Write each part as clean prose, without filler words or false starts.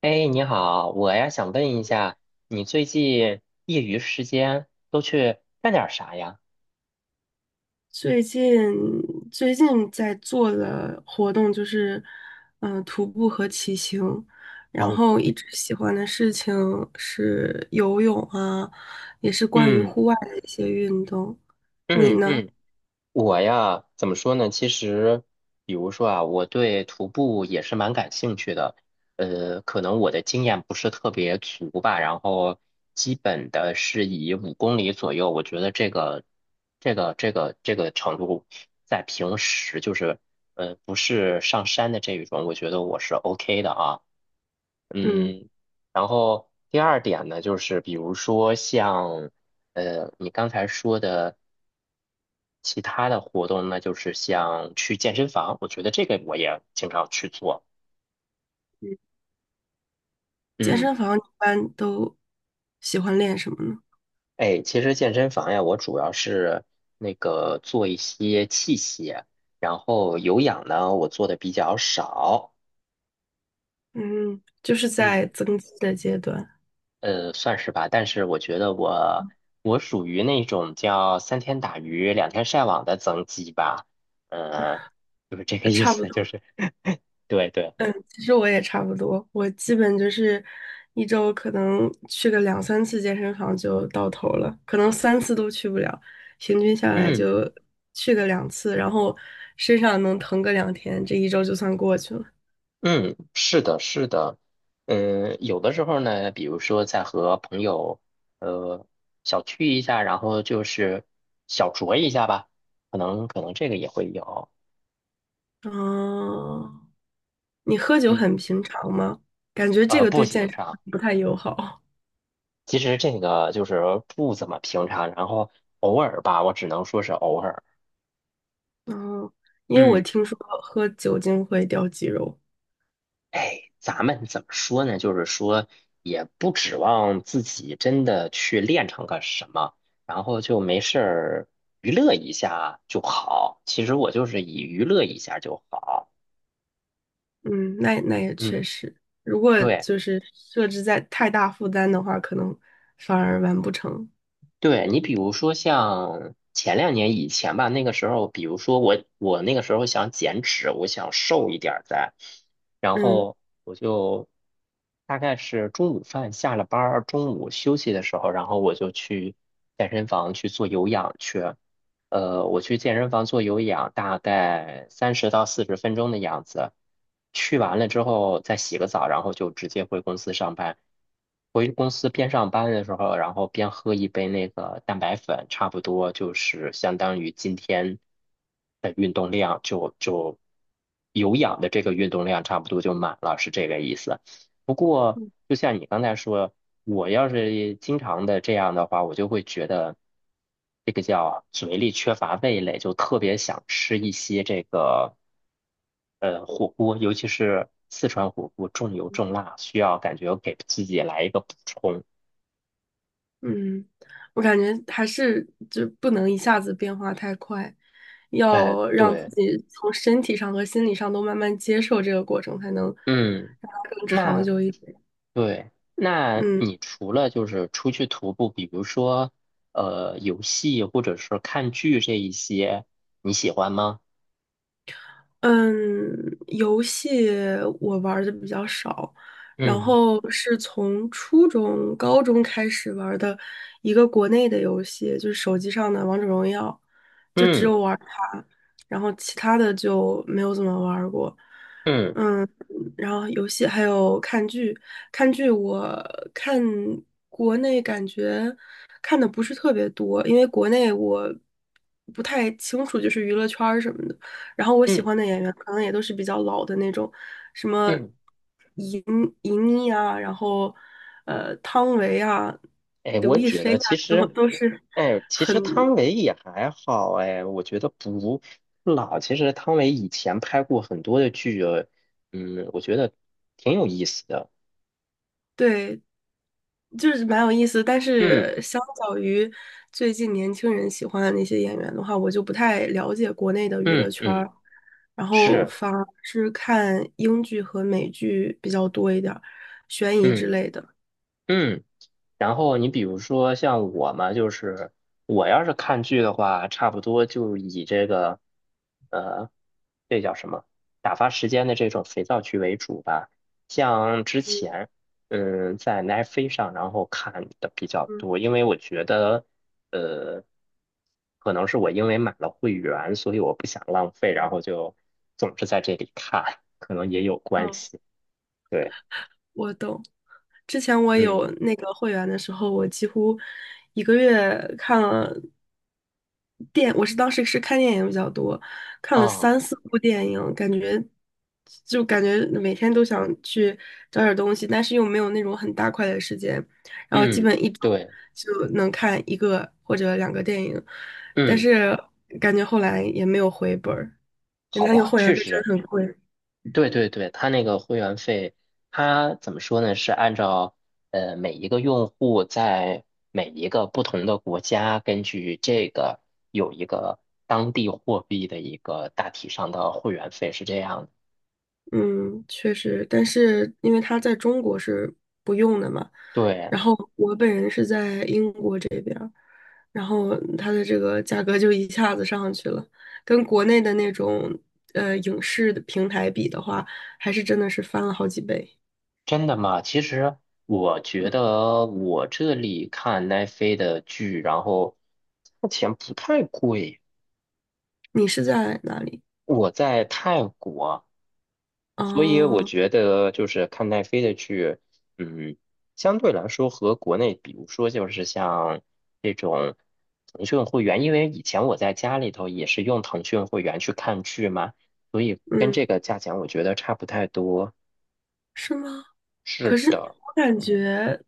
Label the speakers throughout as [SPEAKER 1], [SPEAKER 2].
[SPEAKER 1] 哎，你好，我呀想问一下，你最近业余时间都去干点儿啥呀？
[SPEAKER 2] 最近最近在做的活动就是，徒步和骑行，然
[SPEAKER 1] 哦，
[SPEAKER 2] 后一直喜欢的事情是游泳啊，也是关于
[SPEAKER 1] 嗯
[SPEAKER 2] 户外的一些运动。你
[SPEAKER 1] 嗯
[SPEAKER 2] 呢？
[SPEAKER 1] 嗯，我呀怎么说呢？其实，比如说啊，我对徒步也是蛮感兴趣的，可能我的经验不是特别足吧，然后基本的是以5公里左右，我觉得这个程度，在平时就是，不是上山的这一种，我觉得我是 OK 的啊。
[SPEAKER 2] 嗯，
[SPEAKER 1] 嗯，然后第二点呢，就是比如说像，你刚才说的其他的活动，那就是像去健身房，我觉得这个我也经常去做。
[SPEAKER 2] 健
[SPEAKER 1] 嗯，
[SPEAKER 2] 身房一般都喜欢练什么呢？
[SPEAKER 1] 哎，其实健身房呀，我主要是那个做一些器械，然后有氧呢，我做的比较少。
[SPEAKER 2] 嗯，就是
[SPEAKER 1] 嗯。
[SPEAKER 2] 在增肌的阶段。
[SPEAKER 1] 算是吧，但是我觉得我属于那种叫三天打鱼两天晒网的增肌吧，呃，就是这个意
[SPEAKER 2] 差不
[SPEAKER 1] 思，就
[SPEAKER 2] 多。
[SPEAKER 1] 是 对对，
[SPEAKER 2] 其实我也差不多，我基本就是一周可能去个两三次健身房就到头了，可能三次都去不了，平均下来
[SPEAKER 1] 嗯
[SPEAKER 2] 就去个两次，然后身上能疼个两天，这一周就算过去了。
[SPEAKER 1] 嗯，是的，是的，嗯，有的时候呢，比如说在和朋友呃小聚一下，然后就是小酌一下吧，可能这个也会有，
[SPEAKER 2] 哦，你喝酒
[SPEAKER 1] 嗯，
[SPEAKER 2] 很平常吗？感觉这个
[SPEAKER 1] 步
[SPEAKER 2] 对健
[SPEAKER 1] 行
[SPEAKER 2] 身
[SPEAKER 1] 上。
[SPEAKER 2] 不太友好。
[SPEAKER 1] 其实这个就是不怎么平常，然后偶尔吧，我只能说是偶尔。
[SPEAKER 2] 嗯，因为我
[SPEAKER 1] 嗯，
[SPEAKER 2] 听说喝酒精会掉肌肉。
[SPEAKER 1] 哎，咱们怎么说呢？就是说，也不指望自己真的去练成个什么，然后就没事儿娱乐一下就好。其实我就是以娱乐一下就好。
[SPEAKER 2] 嗯，那也
[SPEAKER 1] 嗯，
[SPEAKER 2] 确实，如果
[SPEAKER 1] 对。
[SPEAKER 2] 就是设置在太大负担的话，可能反而完不成。
[SPEAKER 1] 对你，比如说像前两年以前吧，那个时候，比如说我那个时候想减脂，我想瘦一点儿再，然
[SPEAKER 2] 嗯
[SPEAKER 1] 后我就大概是中午饭下了班儿，中午休息的时候，然后我就去健身房去做有氧去。我去健身房做有氧，大概30到40分钟的样子。去完了之后再洗个澡，然后就直接回公司上班。回公司边上班的时候，然后边喝一杯那个蛋白粉，差不多就是相当于今天的运动量就有氧的这个运动量差不多就满了，是这个意思。不过，就像你刚才说，我要是经常的这样的话，我就会觉得这个叫嘴里缺乏味蕾，就特别想吃一些这个火锅，尤其是四川火锅，重油重辣，需要感觉给自己来一个补充。
[SPEAKER 2] 嗯，我感觉还是就不能一下子变化太快，
[SPEAKER 1] 哎，
[SPEAKER 2] 要让自
[SPEAKER 1] 对，
[SPEAKER 2] 己从身体上和心理上都慢慢接受这个过程，才能
[SPEAKER 1] 嗯，
[SPEAKER 2] 让它更长
[SPEAKER 1] 那
[SPEAKER 2] 久一点。
[SPEAKER 1] 对，那
[SPEAKER 2] 嗯。
[SPEAKER 1] 你除了就是出去徒步，比如说游戏或者是看剧这一些，你喜欢吗？
[SPEAKER 2] 嗯，游戏我玩的比较少，然
[SPEAKER 1] 嗯
[SPEAKER 2] 后是从初中、高中开始玩的一个国内的游戏，就是手机上的《王者荣耀》。就只
[SPEAKER 1] 嗯
[SPEAKER 2] 有玩它，然后其他的就没有怎么玩儿过。
[SPEAKER 1] 嗯。
[SPEAKER 2] 嗯，然后游戏还有看剧，看剧我看国内感觉看的不是特别多，因为国内我不太清楚就是娱乐圈儿什么的。然后我喜
[SPEAKER 1] 嗯
[SPEAKER 2] 欢的演员可能也都是比较老的那种，什么
[SPEAKER 1] 嗯，
[SPEAKER 2] 银银妮啊，然后汤唯啊、
[SPEAKER 1] 哎，
[SPEAKER 2] 刘
[SPEAKER 1] 我
[SPEAKER 2] 亦
[SPEAKER 1] 觉
[SPEAKER 2] 菲
[SPEAKER 1] 得
[SPEAKER 2] 啊，
[SPEAKER 1] 其
[SPEAKER 2] 这
[SPEAKER 1] 实，
[SPEAKER 2] 种都是
[SPEAKER 1] 哎，其
[SPEAKER 2] 很。
[SPEAKER 1] 实汤唯也还好，哎，我觉得不老。其实汤唯以前拍过很多的剧，嗯，我觉得挺有意思的。
[SPEAKER 2] 对，就是蛮有意思，但
[SPEAKER 1] 嗯
[SPEAKER 2] 是相较于最近年轻人喜欢的那些演员的话，我就不太了解国内的娱乐
[SPEAKER 1] 嗯
[SPEAKER 2] 圈
[SPEAKER 1] 嗯，
[SPEAKER 2] 儿，然后
[SPEAKER 1] 是，
[SPEAKER 2] 反而是看英剧和美剧比较多一点儿，悬疑之
[SPEAKER 1] 嗯
[SPEAKER 2] 类的。
[SPEAKER 1] 嗯。然后你比如说像我嘛，就是我要是看剧的话，差不多就以这个呃，这叫什么打发时间的这种肥皂剧为主吧。像之前在奈飞上，然后看的比较多，
[SPEAKER 2] 嗯
[SPEAKER 1] 因为我觉得呃，可能是我因为买了会员，所以我不想浪费，然
[SPEAKER 2] 嗯。
[SPEAKER 1] 后就总是在这里看，可能也有关
[SPEAKER 2] 哦。
[SPEAKER 1] 系。对，
[SPEAKER 2] 我懂。之前我
[SPEAKER 1] 嗯，
[SPEAKER 2] 有那个会员的时候，我几乎一个月看了电，当时是看电影比较多，看了
[SPEAKER 1] 啊，
[SPEAKER 2] 三四部电影，就感觉每天都想去找点东西，但是又没有那种很大块的时间，然后基
[SPEAKER 1] 嗯，
[SPEAKER 2] 本一周
[SPEAKER 1] 对。
[SPEAKER 2] 就能看一个或者两个电影，但
[SPEAKER 1] 嗯。
[SPEAKER 2] 是感觉后来也没有回本儿，原
[SPEAKER 1] 好
[SPEAKER 2] 来那个
[SPEAKER 1] 吧，
[SPEAKER 2] 会员
[SPEAKER 1] 确
[SPEAKER 2] 费真
[SPEAKER 1] 实，
[SPEAKER 2] 的很贵。
[SPEAKER 1] 对对对，它那个会员费，它怎么说呢？是按照每一个用户在每一个不同的国家，根据这个有一个当地货币的一个大体上的会员费是这样的。
[SPEAKER 2] 嗯，确实，但是因为它在中国是不用的嘛，
[SPEAKER 1] 对，
[SPEAKER 2] 然后我本人是在英国这边儿，然后它的这个价格就一下子上去了，跟国内的那种影视的平台比的话，还是真的是翻了好几倍。
[SPEAKER 1] 真的吗？其实我觉得我这里看奈飞的剧，然后
[SPEAKER 2] 你是在哪里？
[SPEAKER 1] 我在泰国。所以我
[SPEAKER 2] 哦，
[SPEAKER 1] 觉得就是看奈飞的剧，嗯，相对来说和国内，比如说就是像这种腾讯会员，因为以前我在家里头也是用腾讯会员去看剧嘛，所以跟
[SPEAKER 2] 嗯，
[SPEAKER 1] 这个价钱我觉得差不太多。
[SPEAKER 2] 是吗？可
[SPEAKER 1] 是
[SPEAKER 2] 是
[SPEAKER 1] 的，
[SPEAKER 2] 我感
[SPEAKER 1] 嗯。
[SPEAKER 2] 觉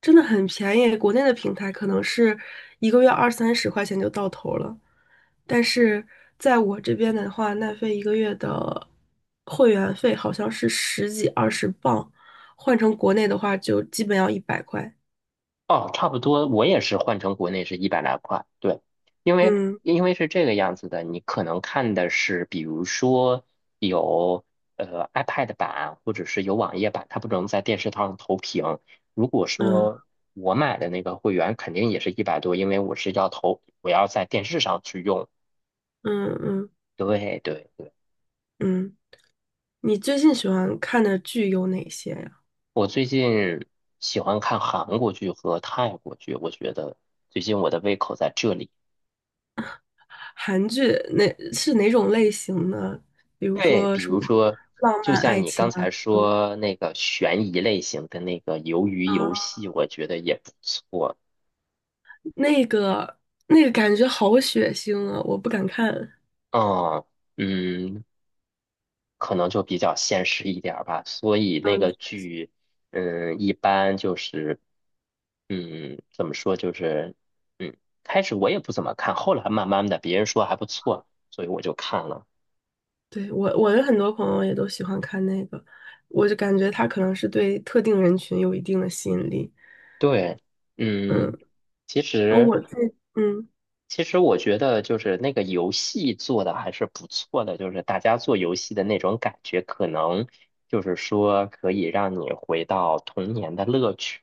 [SPEAKER 2] 真的很便宜，国内的平台可能是一个月二三十块钱就到头了，但是在我这边的话，奈飞一个月的会员费好像是十几二十磅，换成国内的话就基本要一百块。
[SPEAKER 1] 哦，差不多，我也是换成国内是100来块，对，因为
[SPEAKER 2] 嗯
[SPEAKER 1] 因为是这个样子的，你可能看的是，比如说有iPad 版或者是有网页版，它不能在电视上投屏。如果
[SPEAKER 2] 嗯
[SPEAKER 1] 说我买的那个会员，肯定也是100多，因为我是要投，我要在电视上去用。
[SPEAKER 2] 嗯嗯
[SPEAKER 1] 对对对，
[SPEAKER 2] 嗯，你最近喜欢看的剧有哪些呀？
[SPEAKER 1] 我最近喜欢看韩国剧和泰国剧，我觉得最近我的胃口在这里。
[SPEAKER 2] 韩剧是哪种类型呢？比如
[SPEAKER 1] 对，
[SPEAKER 2] 说
[SPEAKER 1] 比
[SPEAKER 2] 什么
[SPEAKER 1] 如说，
[SPEAKER 2] 浪
[SPEAKER 1] 就
[SPEAKER 2] 漫
[SPEAKER 1] 像
[SPEAKER 2] 爱
[SPEAKER 1] 你
[SPEAKER 2] 情
[SPEAKER 1] 刚才说那个悬疑类型的那个鱿鱼游
[SPEAKER 2] 啊？
[SPEAKER 1] 戏，我觉得也不错。
[SPEAKER 2] 那个那个感觉好血腥啊，我不敢看。
[SPEAKER 1] 嗯嗯，可能就比较现实一点儿吧，所以那
[SPEAKER 2] 嗯，
[SPEAKER 1] 个剧，一般就是，怎么说就是，嗯，开始我也不怎么看，后来慢慢的别人说还不错，所以我就看了。
[SPEAKER 2] 对，我的很多朋友也都喜欢看那个，我就感觉他可能是对特定人群有一定的吸引力。
[SPEAKER 1] 对，嗯，
[SPEAKER 2] 嗯，
[SPEAKER 1] 其
[SPEAKER 2] 然后
[SPEAKER 1] 实。
[SPEAKER 2] 我自己
[SPEAKER 1] 其实我觉得就是那个游戏做的还是不错的，就是大家做游戏的那种感觉，可能就是说可以让你回到童年的乐趣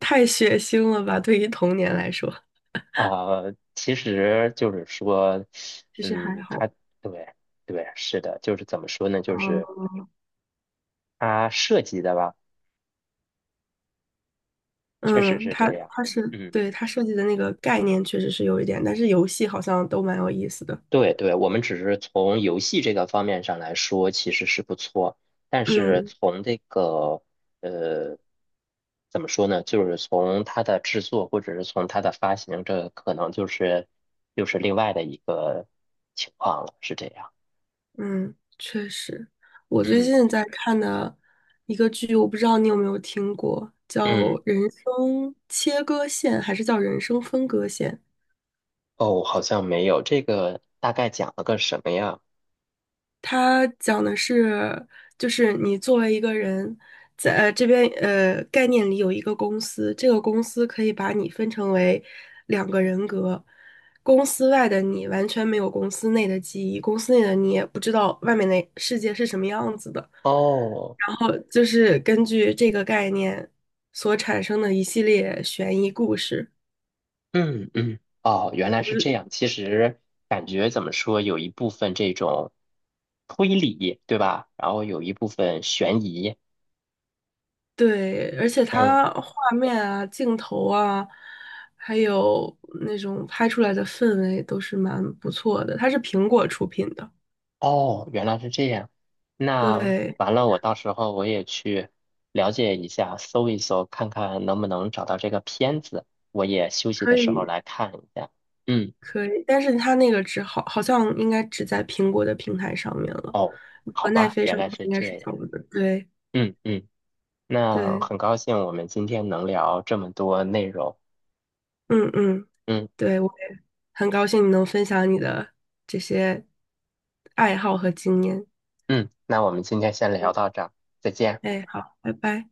[SPEAKER 2] 太血腥了吧，对于童年来说，
[SPEAKER 1] 啊，其实就是说，
[SPEAKER 2] 其实还
[SPEAKER 1] 嗯，它
[SPEAKER 2] 好。
[SPEAKER 1] 对对是的，就是怎么说呢，就
[SPEAKER 2] 嗯
[SPEAKER 1] 是它设计的吧，确实
[SPEAKER 2] 嗯，
[SPEAKER 1] 是
[SPEAKER 2] 他
[SPEAKER 1] 这样。
[SPEAKER 2] 他是
[SPEAKER 1] 嗯。
[SPEAKER 2] 对他设计的那个概念确实是有一点，但是游戏好像都蛮有意思的。
[SPEAKER 1] 对对，我们只是从游戏这个方面上来说，其实是不错。但是
[SPEAKER 2] 嗯。
[SPEAKER 1] 从这个呃，怎么说呢？就是从它的制作，或者是从它的发行，这可能就是又是另外的一个情况了，是这样。
[SPEAKER 2] 嗯，确实，我最
[SPEAKER 1] 嗯
[SPEAKER 2] 近在看的一个剧，我不知道你有没有听过，叫
[SPEAKER 1] 嗯，
[SPEAKER 2] 《人生切割线》还是叫《人生分割线》？
[SPEAKER 1] 哦，好像没有，这个大概讲了个什么呀？
[SPEAKER 2] 它讲的是，就是你作为一个人，在这边概念里有一个公司，这个公司可以把你分成为两个人格，公司外的你完全没有公司内的记忆，公司内的你也不知道外面的世界是什么样子的，
[SPEAKER 1] 哦。
[SPEAKER 2] 然后就是根据这个概念所产生的一系列悬疑故事。
[SPEAKER 1] 嗯嗯，哦，原来是这样。其实感觉怎么说，有一部分这种推理，对吧？然后有一部分悬疑。
[SPEAKER 2] 对，而且
[SPEAKER 1] 嗯，
[SPEAKER 2] 它画面啊、镜头啊，还有那种拍出来的氛围都是蛮不错的。它是苹果出品的，
[SPEAKER 1] 哦，原来是这样。那
[SPEAKER 2] 对，
[SPEAKER 1] 完了，我到时候我也去了解一下，搜一搜，看看能不能找到这个片子。我也休息的
[SPEAKER 2] 可
[SPEAKER 1] 时候
[SPEAKER 2] 以
[SPEAKER 1] 来看一下。嗯，
[SPEAKER 2] 可以，但是它那个只好好像应该只在苹果的平台上面了，
[SPEAKER 1] 哦，好
[SPEAKER 2] 和奈
[SPEAKER 1] 吧，
[SPEAKER 2] 飞
[SPEAKER 1] 原
[SPEAKER 2] 上
[SPEAKER 1] 来
[SPEAKER 2] 的话
[SPEAKER 1] 是
[SPEAKER 2] 应该
[SPEAKER 1] 这
[SPEAKER 2] 是
[SPEAKER 1] 样。
[SPEAKER 2] 找不到。对
[SPEAKER 1] 嗯嗯，那
[SPEAKER 2] 对，
[SPEAKER 1] 很高兴我们今天能聊这么多内容。
[SPEAKER 2] 嗯嗯，
[SPEAKER 1] 嗯。
[SPEAKER 2] 对，我也很高兴你能分享你的这些爱好和经验。
[SPEAKER 1] 嗯，那我们今天先聊
[SPEAKER 2] 嗯，
[SPEAKER 1] 到这儿，再见。
[SPEAKER 2] 哎，好，拜拜。